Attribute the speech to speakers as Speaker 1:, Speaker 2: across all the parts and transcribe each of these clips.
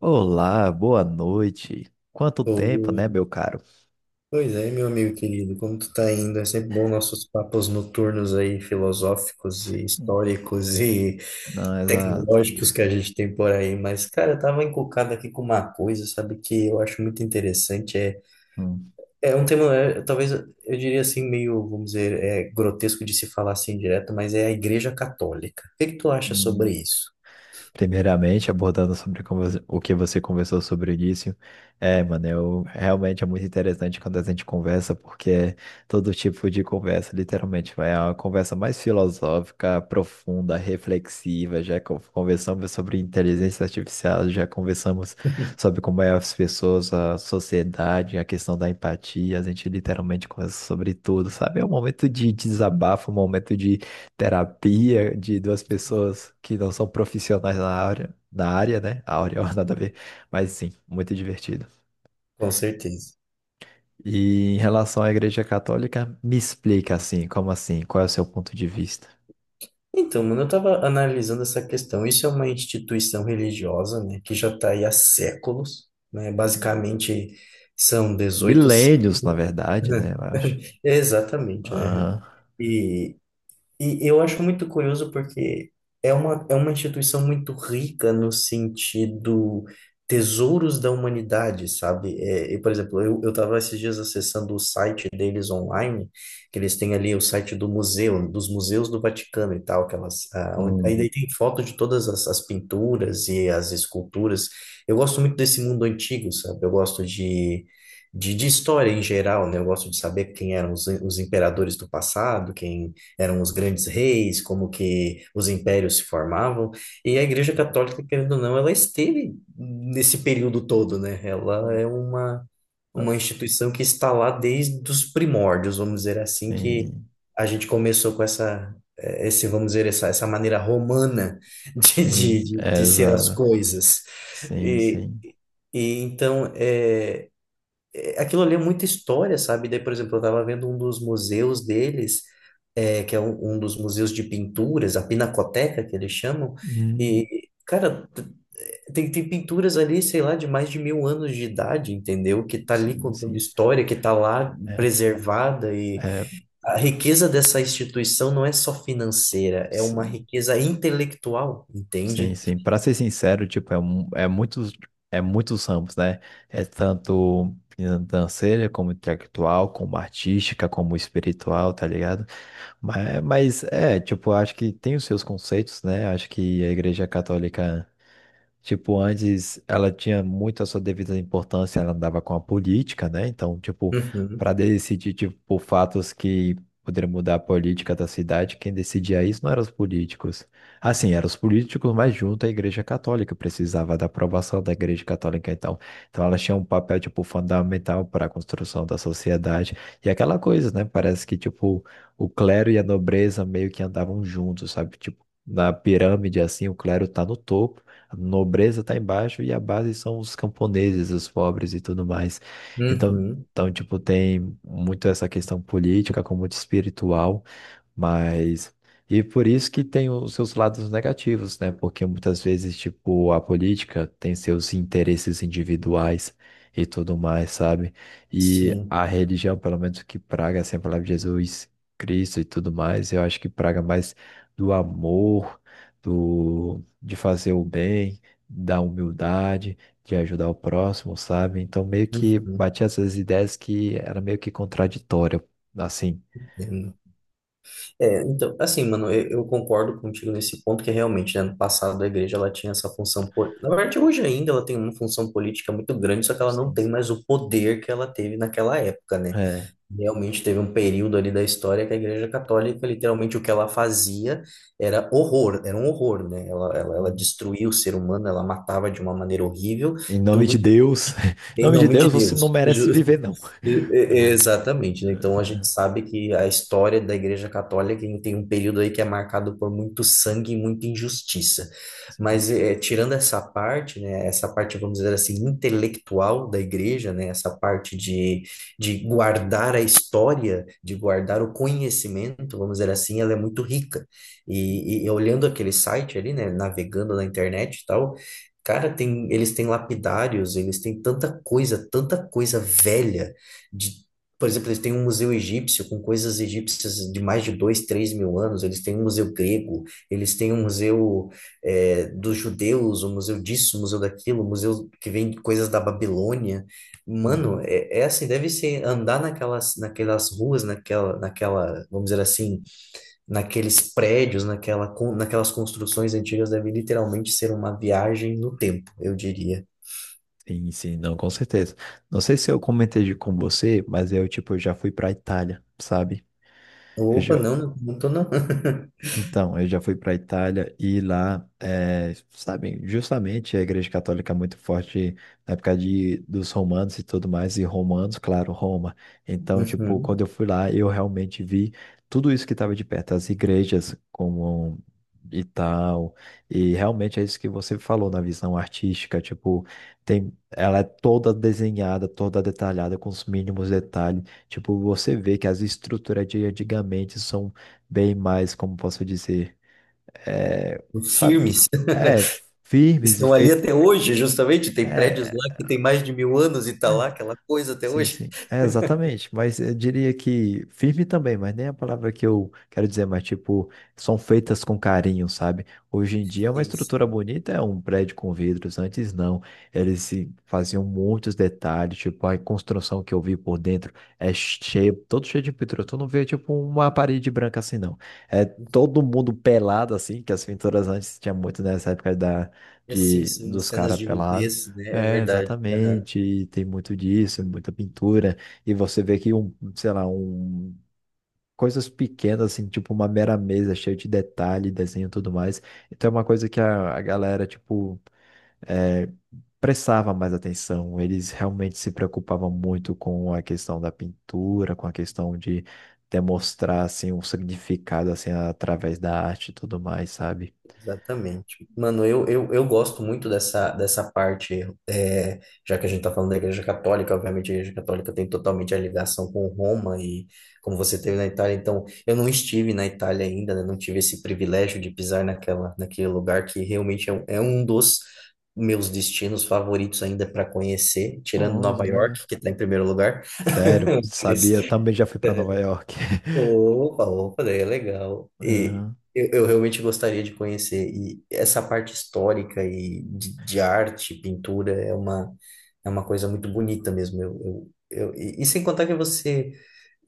Speaker 1: Olá, boa noite. Quanto tempo,
Speaker 2: Ô,
Speaker 1: né, meu caro?
Speaker 2: pois é, meu amigo querido, como tu tá indo? É sempre bom nossos papos noturnos aí, filosóficos e
Speaker 1: Sim.
Speaker 2: históricos e
Speaker 1: Não, exato.
Speaker 2: tecnológicos que a gente tem por aí. Mas, cara, eu tava encucado aqui com uma coisa, sabe, que eu acho muito interessante. É,
Speaker 1: Hum,
Speaker 2: é um tema, talvez eu diria assim, meio, vamos dizer, é grotesco de se falar assim direto, mas é a Igreja Católica. O que que tu acha sobre
Speaker 1: hum.
Speaker 2: isso?
Speaker 1: Primeiramente, abordando sobre o que você conversou sobre o início, mano, eu, realmente é muito interessante quando a gente conversa, porque é todo tipo de conversa, literalmente, vai é uma conversa mais filosófica, profunda, reflexiva, já conversamos sobre inteligência artificial, já conversamos sobre como é as pessoas, a sociedade, a questão da empatia, a gente literalmente conversa sobre tudo, sabe? É um momento de desabafo, um momento terapia de duas pessoas que não são profissionais na área, né? Áurea, ó, nada a ver. Mas sim, muito divertido.
Speaker 2: Com certeza.
Speaker 1: E em relação à Igreja Católica, me explica assim, como assim? Qual é o seu ponto de vista?
Speaker 2: Então, mano, eu estava analisando essa questão. Isso é uma instituição religiosa, né, que já está aí há séculos, né? Basicamente são 18
Speaker 1: Milênios, na verdade, né? Eu acho.
Speaker 2: exatamente, né?
Speaker 1: Ah,
Speaker 2: E e eu acho muito curioso porque é uma instituição muito rica no sentido tesouros da humanidade, sabe? Eu, por exemplo, eu estava esses dias acessando o site deles online, que eles têm ali o site do museu, dos museus do Vaticano e tal, aquelas, onde, aí
Speaker 1: hum,
Speaker 2: daí tem foto de todas as pinturas e as esculturas. Eu gosto muito desse mundo antigo, sabe? Eu gosto de história em geral, né? Eu gosto de saber quem eram os imperadores do passado, quem eram os grandes reis, como que os impérios se formavam, e a Igreja Católica, querendo ou não, ela esteve nesse período todo, né? Ela é uma instituição que está lá desde os primórdios, vamos dizer assim, que
Speaker 1: sim,
Speaker 2: a gente começou com vamos dizer, essa maneira romana de, de,
Speaker 1: sim,
Speaker 2: de,
Speaker 1: é,
Speaker 2: de ser as
Speaker 1: exato.
Speaker 2: coisas.
Speaker 1: Sim,
Speaker 2: E,
Speaker 1: sim.
Speaker 2: e então, aquilo ali é muita história, sabe? Daí, por exemplo, eu estava vendo um dos museus deles, que é um dos museus de pinturas, a Pinacoteca, que eles chamam,
Speaker 1: Hum,
Speaker 2: e, cara, tem pinturas ali, sei lá, de mais de mil anos de idade, entendeu? Que tá ali
Speaker 1: sim,
Speaker 2: contando
Speaker 1: sim.
Speaker 2: história, que tá lá
Speaker 1: É,
Speaker 2: preservada, e
Speaker 1: é,
Speaker 2: a riqueza dessa instituição não é só financeira, é uma
Speaker 1: sim.
Speaker 2: riqueza intelectual,
Speaker 1: Sim,
Speaker 2: entende?
Speaker 1: sim. Para ser sincero, tipo, é muitos ramos, né? É tanto financeira, como intelectual, como artística, como espiritual, tá ligado? Mas é, tipo, acho que tem os seus conceitos, né? Acho que a Igreja Católica. Tipo, antes ela tinha muito a sua devida importância, ela andava com a política, né? Então, tipo,
Speaker 2: Uhum,
Speaker 1: para decidir, tipo, fatos que poderiam mudar a política da cidade, quem decidia isso não eram os políticos. Assim, eram os políticos, mas junto à Igreja Católica, precisava da aprovação da Igreja Católica, então. Então, ela tinha um papel, tipo, fundamental para a construção da sociedade. E aquela coisa, né? Parece que, tipo, o clero e a nobreza meio que andavam juntos, sabe? Tipo, na pirâmide, assim, o clero tá no topo, a nobreza está embaixo e a base são os camponeses, os pobres e tudo mais. Então,
Speaker 2: uhum,
Speaker 1: então, tipo, tem muito essa questão política, como muito espiritual. Mas. E por isso que tem os seus lados negativos, né? Porque muitas vezes, tipo, a política tem seus interesses individuais e tudo mais, sabe? E
Speaker 2: sim.
Speaker 1: a religião, pelo menos que praga sempre a palavra de Jesus Cristo e tudo mais, eu acho que praga mais do amor, do de fazer o bem, da humildade, de ajudar o próximo, sabe? Então meio que batia essas ideias que era meio que contraditória, assim.
Speaker 2: Uhum. Então, assim, mano, eu concordo contigo nesse ponto que realmente, né, no passado a igreja ela tinha essa função, na verdade hoje ainda ela tem uma função política muito grande, só que ela não
Speaker 1: Sim.
Speaker 2: tem mais o poder que ela teve naquela época, né?
Speaker 1: É.
Speaker 2: Realmente teve um período ali da história que a Igreja Católica, literalmente, o que ela fazia era horror, era um horror, né? Ela destruía o ser humano, ela matava de uma maneira horrível,
Speaker 1: Em nome de
Speaker 2: tudo
Speaker 1: Deus, em
Speaker 2: em
Speaker 1: nome de
Speaker 2: nome de
Speaker 1: Deus, você não
Speaker 2: Deus.
Speaker 1: merece viver, não.
Speaker 2: Exatamente,
Speaker 1: É,
Speaker 2: né? Então a gente
Speaker 1: é,
Speaker 2: sabe que a história da Igreja Católica tem um período aí que é marcado por muito sangue e muita injustiça.
Speaker 1: sim.
Speaker 2: Mas, tirando essa parte, né, essa parte, vamos dizer assim, intelectual da Igreja, né, essa parte de guardar a história, de guardar o conhecimento, vamos dizer assim, ela é muito rica. E olhando aquele site ali, né, navegando na internet e tal, cara, eles têm lapidários, eles têm tanta coisa velha. De Por exemplo, eles têm um museu egípcio com coisas egípcias de mais de dois, três mil anos. Eles têm um museu grego, eles têm um museu, dos judeus, um museu disso, o museu daquilo, o museu que vem de coisas da Babilônia. Mano,
Speaker 1: Uhum.
Speaker 2: assim, deve ser andar naquelas ruas, naquela, vamos dizer assim, naqueles prédios, naquelas construções antigas, deve literalmente ser uma viagem no tempo, eu diria.
Speaker 1: Sim, sim, não, com certeza. Não sei se eu comentei com você, mas eu, tipo, já fui pra Itália, sabe?
Speaker 2: Opa, não, não, não tô não.
Speaker 1: Então, eu já fui para a Itália e lá, é, sabem, justamente a Igreja Católica é muito forte na época de, dos romanos e tudo mais, e romanos, claro, Roma. Então, tipo,
Speaker 2: Uhum.
Speaker 1: quando eu fui lá, eu realmente vi tudo isso que estava de perto, as igrejas como e tal, e realmente é isso que você falou na visão artística, tipo, tem, ela é toda desenhada, toda detalhada, com os mínimos detalhes. Tipo, você vê que as estruturas de antigamente são bem mais, como posso dizer, é, sabe,
Speaker 2: Firmes.
Speaker 1: é, firmes e
Speaker 2: Estão ali
Speaker 1: feitos.
Speaker 2: até hoje, justamente. Tem prédios
Speaker 1: É,
Speaker 2: lá que tem mais de mil anos e tá
Speaker 1: é.
Speaker 2: lá aquela coisa até
Speaker 1: Sim,
Speaker 2: hoje.
Speaker 1: sim. É, exatamente. Mas eu diria que firme também, mas nem a palavra que eu quero dizer, mas tipo, são feitas com carinho, sabe? Hoje em dia é uma
Speaker 2: Sim,
Speaker 1: estrutura
Speaker 2: sim.
Speaker 1: bonita, é um prédio com vidros, antes não. Eles se faziam muitos detalhes, tipo, a construção que eu vi por dentro é cheio, todo cheio de pintura. Tu não vê, tipo, uma parede branca assim, não. É todo mundo pelado, assim, que as pinturas antes tinha muito nessa época da,
Speaker 2: E assim,
Speaker 1: de,
Speaker 2: sim,
Speaker 1: dos
Speaker 2: cenas
Speaker 1: caras
Speaker 2: de
Speaker 1: pelados.
Speaker 2: nudez, né? É
Speaker 1: É,
Speaker 2: verdade.
Speaker 1: exatamente. E tem muito disso, muita pintura. E você vê que um, sei lá, um coisas pequenas assim, tipo uma mera mesa cheia de detalhe, desenho e tudo mais. Então é uma coisa que a galera tipo é, prestava mais atenção. Eles realmente se preocupavam muito com a questão da pintura, com a questão de demonstrar assim um significado assim através da arte e tudo mais, sabe?
Speaker 2: Exatamente. Mano, eu gosto muito dessa parte, já que a gente está falando da Igreja Católica, obviamente a Igreja Católica tem totalmente a ligação com Roma e como você teve na Itália, então eu não estive na Itália ainda, né, não tive esse privilégio de pisar naquele lugar que realmente é um dos meus destinos favoritos ainda para conhecer, tirando
Speaker 1: Nossa,
Speaker 2: Nova
Speaker 1: legal.
Speaker 2: York, que está em primeiro lugar.
Speaker 1: Sério,
Speaker 2: Mas,
Speaker 1: sabia? Eu também já fui para Nova
Speaker 2: é,
Speaker 1: York.
Speaker 2: opa, opa, daí é legal. E
Speaker 1: Aham.
Speaker 2: eu realmente gostaria de conhecer. E essa parte histórica e de arte, pintura, é uma coisa muito bonita mesmo. E sem contar que você,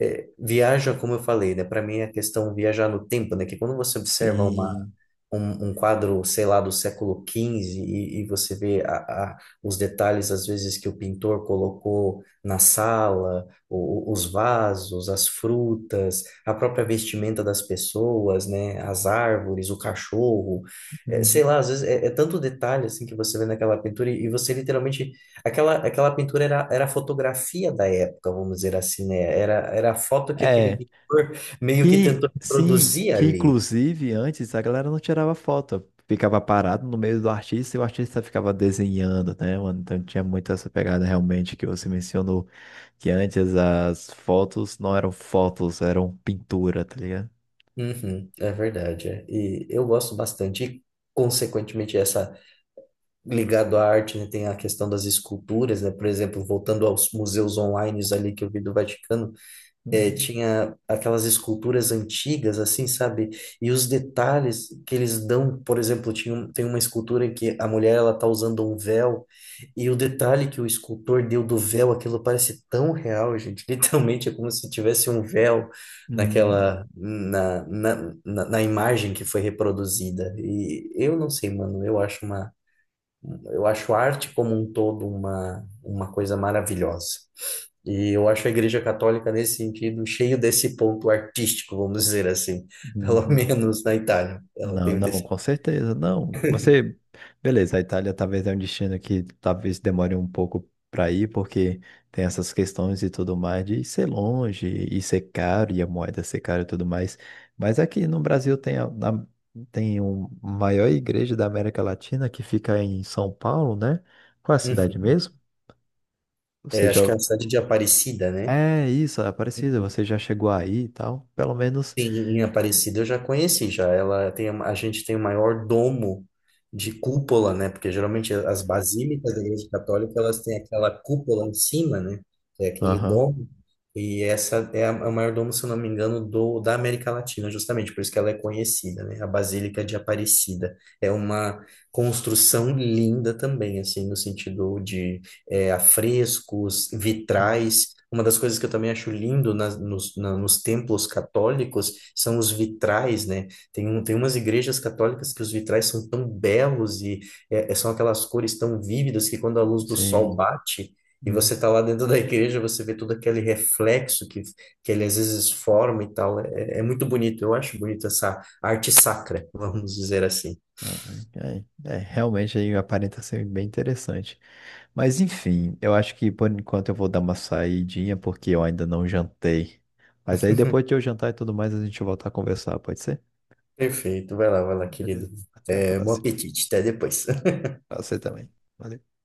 Speaker 2: viaja, como eu falei, né? Para mim é a questão viajar no tempo, né? Que quando você observa uma,
Speaker 1: Sim.
Speaker 2: um, um quadro, sei lá, do século XV, e você vê os detalhes, às vezes, que o pintor colocou na sala, os vasos, as frutas, a própria vestimenta das pessoas, né? As árvores, o cachorro, sei
Speaker 1: Uhum.
Speaker 2: lá, às vezes tanto detalhe, assim, que você vê naquela pintura, e você literalmente. Aquela pintura era a fotografia da época, vamos dizer assim, né? Era a foto que aquele
Speaker 1: É,
Speaker 2: pintor meio que
Speaker 1: que
Speaker 2: tentou
Speaker 1: sim,
Speaker 2: reproduzir
Speaker 1: que
Speaker 2: ali.
Speaker 1: inclusive antes a galera não tirava foto, ficava parado no meio do artista e o artista ficava desenhando, né, mano? Então tinha muito essa pegada realmente que você mencionou, que antes as fotos não eram fotos, eram pintura, tá ligado?
Speaker 2: Uhum, é verdade. É. E eu gosto bastante. E, consequentemente, essa ligado à arte, né, tem a questão das esculturas, né? Por exemplo, voltando aos museus online ali que eu vi do Vaticano,
Speaker 1: Uhum.
Speaker 2: tinha aquelas esculturas antigas, assim, sabe? E os detalhes que eles dão, por exemplo, tem uma escultura em que a mulher ela tá usando um véu, e o detalhe que o escultor deu do véu, aquilo parece tão real, gente. Literalmente é como se tivesse um véu
Speaker 1: Uhum.
Speaker 2: naquela, na, na, na, na imagem que foi reproduzida. E eu não sei, mano, eu acho a arte como um todo uma coisa maravilhosa. E eu acho a Igreja Católica, nesse sentido, cheio desse ponto artístico, vamos dizer assim, pelo
Speaker 1: Uhum.
Speaker 2: menos na Itália. Ela
Speaker 1: Não,
Speaker 2: tem um
Speaker 1: não,
Speaker 2: desse...
Speaker 1: com certeza, não. Você, beleza, a Itália talvez é um destino que talvez demore um pouco para ir, porque tem essas questões e tudo mais de ser longe e ser caro e a moeda ser cara e tudo mais. Mas aqui no Brasil tem tem um maior igreja da América Latina que fica em São Paulo, né? Qual é a cidade
Speaker 2: Uhum.
Speaker 1: mesmo? Você
Speaker 2: É,
Speaker 1: já
Speaker 2: acho que é a cidade de Aparecida, né?
Speaker 1: é isso, Aparecida, você já chegou aí e tal, pelo menos.
Speaker 2: Sim, em Aparecida eu já conheci já. Ela tem A gente tem o maior domo de cúpula, né? Porque geralmente as basílicas da Igreja Católica elas têm aquela cúpula em cima, né? É aquele
Speaker 1: Aham.
Speaker 2: domo. E essa é o maior domo, se eu não me engano, do da América Latina, justamente por isso que ela é conhecida, né? A Basílica de Aparecida é uma construção linda também, assim, no sentido, é, a vitrais. Uma das coisas que eu também acho lindo nos templos católicos são os vitrais, né? Tem umas igrejas católicas que os vitrais são tão belos e, são aquelas cores tão vívidas que quando a luz do sol
Speaker 1: Sim.
Speaker 2: bate e você está lá dentro da igreja, você vê todo aquele reflexo que ele às vezes forma e tal. É muito bonito, eu acho bonito essa arte sacra, vamos dizer assim.
Speaker 1: Ah, é, é, é, realmente aí aparenta ser bem interessante. Mas enfim, eu acho que por enquanto eu vou dar uma saidinha porque eu ainda não jantei. Mas aí depois que eu jantar e tudo mais, a gente volta a conversar, pode ser?
Speaker 2: Perfeito, vai lá,
Speaker 1: Beleza.
Speaker 2: querido.
Speaker 1: Até a
Speaker 2: É, bom
Speaker 1: próxima.
Speaker 2: apetite, até depois.
Speaker 1: Pra você também. Valeu.